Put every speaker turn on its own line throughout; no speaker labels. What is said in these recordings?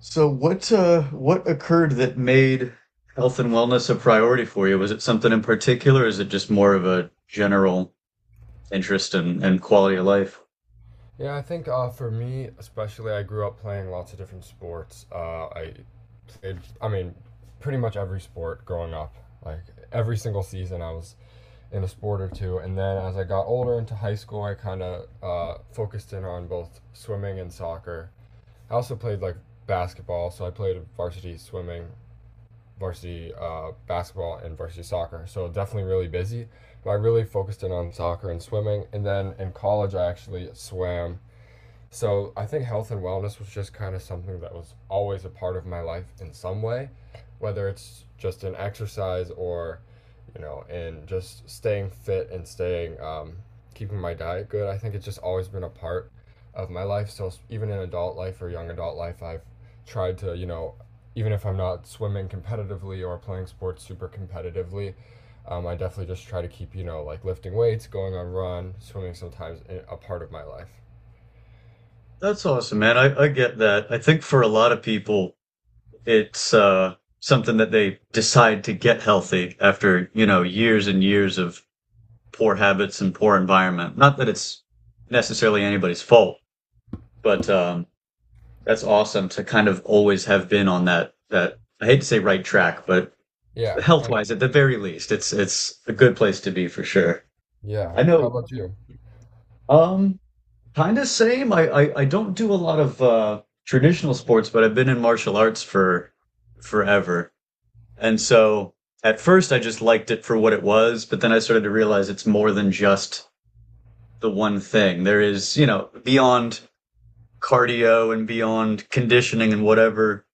So what occurred that made health and wellness a priority for you? Was it something in particular, or is it just more of a general interest and quality of life?
Yeah, I think for me, especially, I grew up playing lots of different sports. I played, I mean, pretty much every sport growing up. Like every single season, I was in a sport or two. And then as I got older into high school, I kind of focused in on both swimming and soccer. I also played like basketball, so I played varsity swimming, varsity basketball, and varsity soccer. So definitely really busy. But I really focused in on soccer and swimming. And then in college, I actually swam, so I think health and wellness was just kind of something that was always a part of my life in some way, whether it's just in exercise or, you know, in just staying fit and staying, keeping my diet good. I think it's just always been a part of my life. So even in adult life or young adult life, I've tried to, you know, even if I'm not swimming competitively or playing sports super competitively, I definitely just try to keep, you know, like lifting weights, going on run, a part of my life.
That's awesome, man. I get that. I think for a lot of people, it's something that they decide to get healthy after, you know, years and years of poor habits and poor environment. Not that it's necessarily anybody's fault, but that's awesome to kind of always have been on that I hate to say right track, but
Yeah,
health
I
wise at the very least it's a good place to be for sure.
Yeah.
I
How
know.
about you?
um Kind of same. I don't do a lot of traditional sports, but I've been in martial arts for forever, and so at first I just liked it for what it was, but then I started to realize it's more than just the one thing. There is, you know, beyond cardio and beyond conditioning and whatever.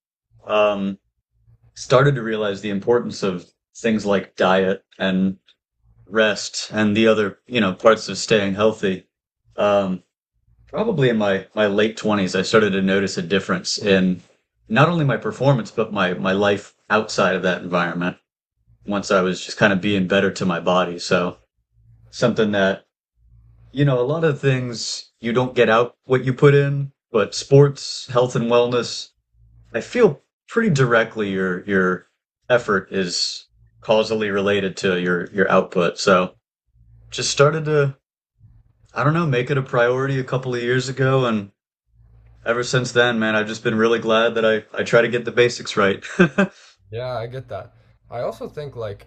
um Started to realize the importance of things like diet and rest and the other, you know, parts of staying healthy. um, Probably in my late 20s I started to notice a difference in not only my performance but my life outside of that environment once I was just kind of being better to my body. So something that, you know, a lot of things you don't get out what you put in, but sports, health and wellness, I feel, pretty directly your effort is causally related to your output. So just started to, I don't know, make it a priority a couple of years ago. And ever since then, man, I've just been really glad that I try to get the basics right.
Yeah, I get that. I also think like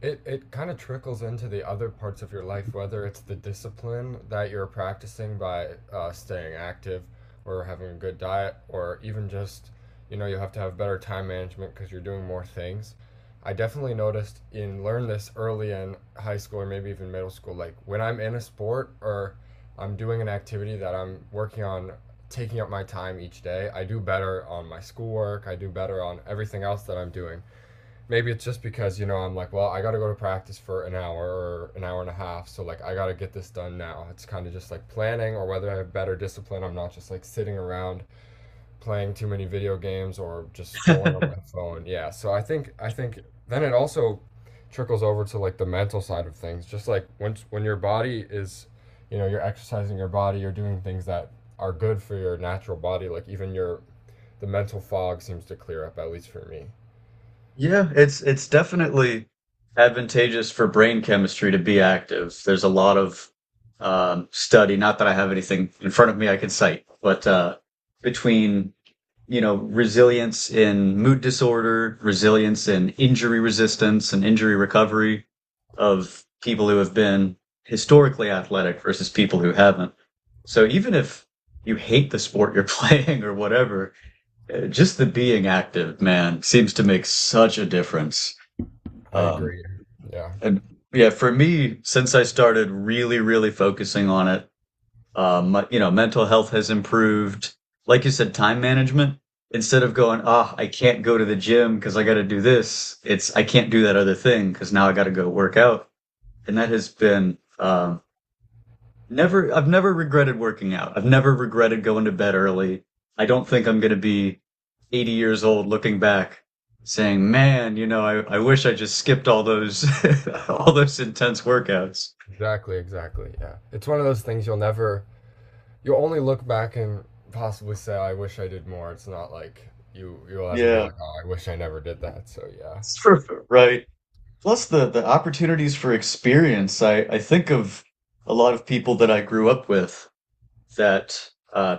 it kind of trickles into the other parts of your life, whether it's the discipline that you're practicing by staying active or having a good diet, or even just, you know, you have to have better time management because you're doing more things. I definitely noticed in learn this early in high school or maybe even middle school, like when I'm in a sport or I'm doing an activity that I'm working on taking up my time each day. I do better on my schoolwork. I do better on everything else that I'm doing. Maybe it's just because, you know, I'm like, well, I got to go to practice for an hour or an hour and a half. So, like, I got to get this done now. It's kind of just like planning, or whether I have better discipline. I'm not just like sitting around playing too many video games or just scrolling on my phone. Yeah, so I think then it also trickles over to like the mental side of things. Just like when your body is, you know, you're exercising your body, you're doing things that are good for your natural body, like even your the mental fog seems to clear up at least for me.
Yeah, it's definitely advantageous for brain chemistry to be active. There's a lot of study, not that I have anything in front of me I can cite, but between, you know, resilience in mood disorder, resilience in injury resistance and injury recovery of people who have been historically athletic versus people who haven't. So even if you hate the sport you're playing or whatever, just the being active, man, seems to make such a difference.
I
Um,
agree. Yeah.
and yeah, for me, since I started really, really focusing on it, my- you know, mental health has improved. Like you said, time management. Instead of going, ah, I can't go to the gym because I got to do this. It's I can't do that other thing because now I got to go work out, and that has been never, I've never regretted working out. I've never regretted going to bed early. I don't think I'm going to be 80 years old looking back saying, man, you know, I wish I just skipped all those, all those intense workouts.
Exactly, exactly. Yeah. It's one of those things you'll never, you'll only look back and possibly say I wish I did more. It's not like you'll ever be
Yeah,
like, "Oh, I wish I never did that." So, yeah.
it's true, right. Plus the opportunities for experience. I think of a lot of people that I grew up with that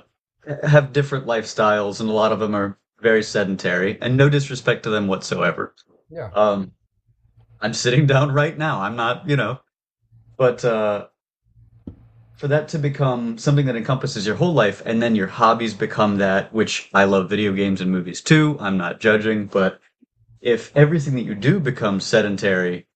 have different lifestyles, and a lot of them are very sedentary, and no disrespect to them whatsoever.
Yeah,
Um, I'm sitting down right now. I'm not, you know, but for that to become something that encompasses your whole life, and then your hobbies become that, which I love video games and movies too. I'm not judging, but if everything that you do becomes sedentary,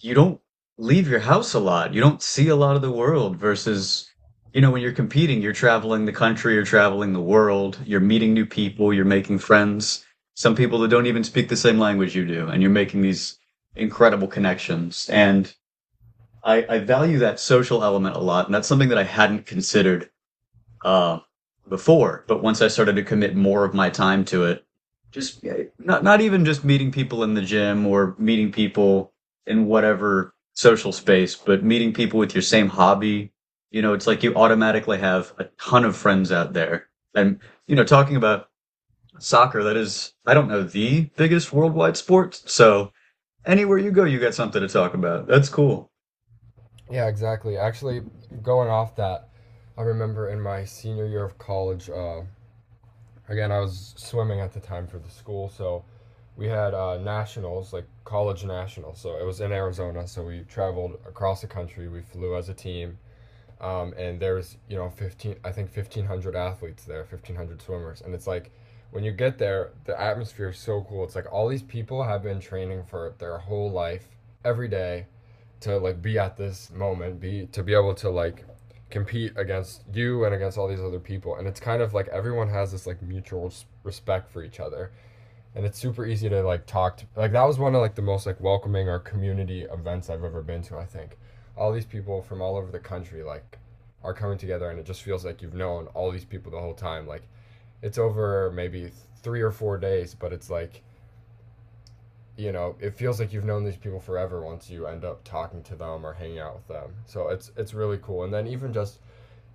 you don't leave your house a lot. You don't see a lot of the world versus, you know, when you're competing, you're traveling the country, you're traveling the world, you're meeting new people, you're making friends. Some people that don't even speak the same language you do, and you're making these incredible connections. And I value that social element a lot, and that's something that I hadn't considered uh, before. But once I started to commit more of my time to it, just yeah, not even just meeting people in the gym or meeting people in whatever social space, but meeting people with your same hobby. You know, it's like you automatically have a ton of friends out there. And, you know, talking about soccer, that is, I don't know, the biggest worldwide sport. So anywhere you go, you got something to talk about. That's cool.
yeah, exactly. Actually, going off that, I remember in my senior year of college, again, I was swimming at the time for the school, so we had nationals, like college nationals. So it was in Arizona, so we traveled across the country. We flew as a team, and there was, you know, I think 1,500 athletes there, 1,500 swimmers. And it's like, when you get there, the atmosphere is so cool. It's like all these people have been training for their whole life, every day, to like be at this moment, be to be able to like compete against you and against all these other people, and it's kind of like everyone has this like mutual respect for each other, and it's super easy to like talk to. Like that was one of like the most like welcoming or community events I've ever been to. I think all these people from all over the country like are coming together, and it just feels like you've known all these people the whole time. Like it's over maybe 3 or 4 days, but it's like, you know, it feels like you've known these people forever once you end up talking to them or hanging out with them. So it's really cool. And then even just,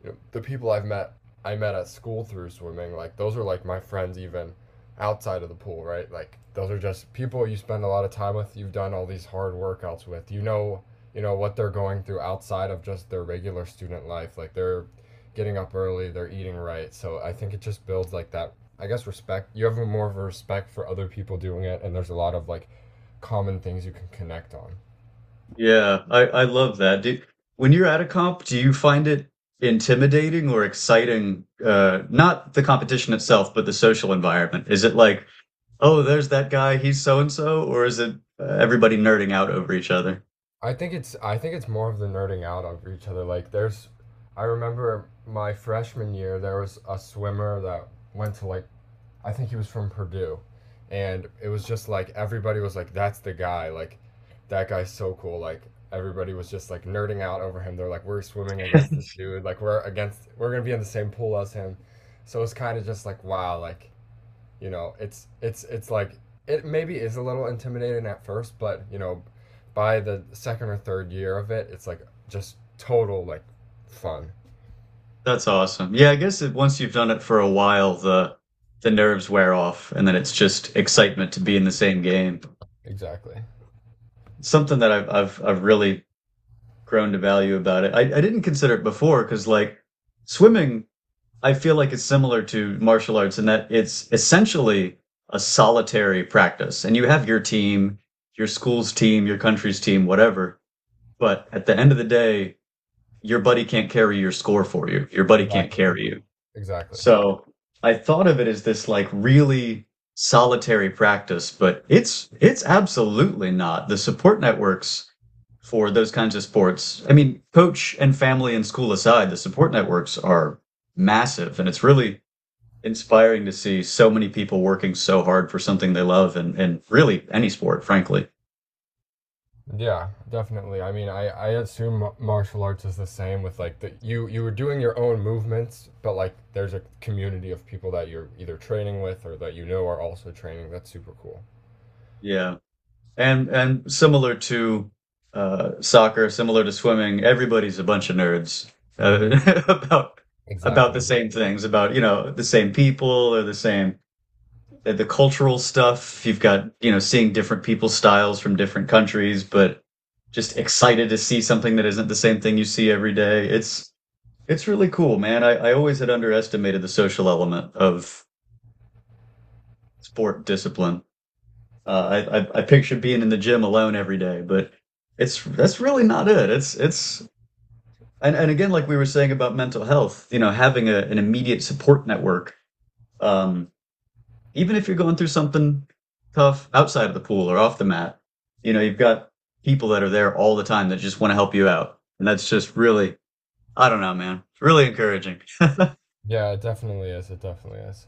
you know, the people I've met, I met at school through swimming, like those are like my friends even outside of the pool, right? Like those are just people you spend a lot of time with, you've done all these hard workouts with. You know what they're going through outside of just their regular student life. Like they're getting up early, they're eating right. So I think it just builds like that, I guess, respect. You have more of a respect for other people doing it, and there's a lot of like common things you can connect on.
Yeah, I love that. Do, when you're at a comp, do you find it intimidating or exciting? Not the competition itself, but the social environment. Is it like, oh, there's that guy, he's so and so, or is it everybody nerding out over each other?
I think it's more of the nerding out of each other. Like there's, I remember my freshman year, there was a swimmer that went to like, I think he was from Purdue, and it was just like everybody was like, that's the guy, like that guy's so cool, like everybody was just like nerding out over him. They're like, we're swimming against this dude, like we're going to be in the same pool as him. So it's kind of just like, wow, like, you know, it's like it maybe is a little intimidating at first, but you know, by the second or third year of it, it's like just total like fun.
That's awesome. Yeah, I guess it, once you've done it for a while, the nerves wear off, and then it's just excitement to be in the same game.
Exactly.
Something that I've really grown to value about it. I didn't consider it before because like swimming. I feel like it's similar to martial arts in that it's essentially a solitary practice. And you have your team, your school's team, your country's team, whatever. But at the end of the day, your buddy can't carry your score for you. Your buddy can't
Exactly.
carry you.
Exactly.
So I thought of it as this like really solitary practice, but it's absolutely not. The support networks for those kinds of sports, I mean, coach and family and school aside, the support networks are massive, and it's really inspiring to see so many people working so hard for something they love and really any sport, frankly.
Yeah, definitely. I mean, I assume martial arts is the same with like the you were doing your own movements, but like there's a community of people that you're either training with or that you know are also training. That's super cool.
Yeah. And similar to soccer, similar to swimming, everybody's a bunch of nerds
Mm-hmm.
uh, about
Exactly.
the same things, about, you know, the same people or the same the cultural stuff. You've got, you know, seeing different people's styles from different countries, but just excited to see something that isn't the same thing you see every day. It's really cool, man. I always had underestimated the social element of sport discipline.
Yeah.
I pictured being in the gym alone every day, but it's that's really not it. It's And again, like we were saying about mental health, you know, having a, an immediate support network, um, even if you're going through something tough outside of the pool or off the mat, you know, you've got people that are there all the time that just want to help you out, and that's just really, I don't know, man. It's really encouraging.
Yeah, it definitely is. It definitely is.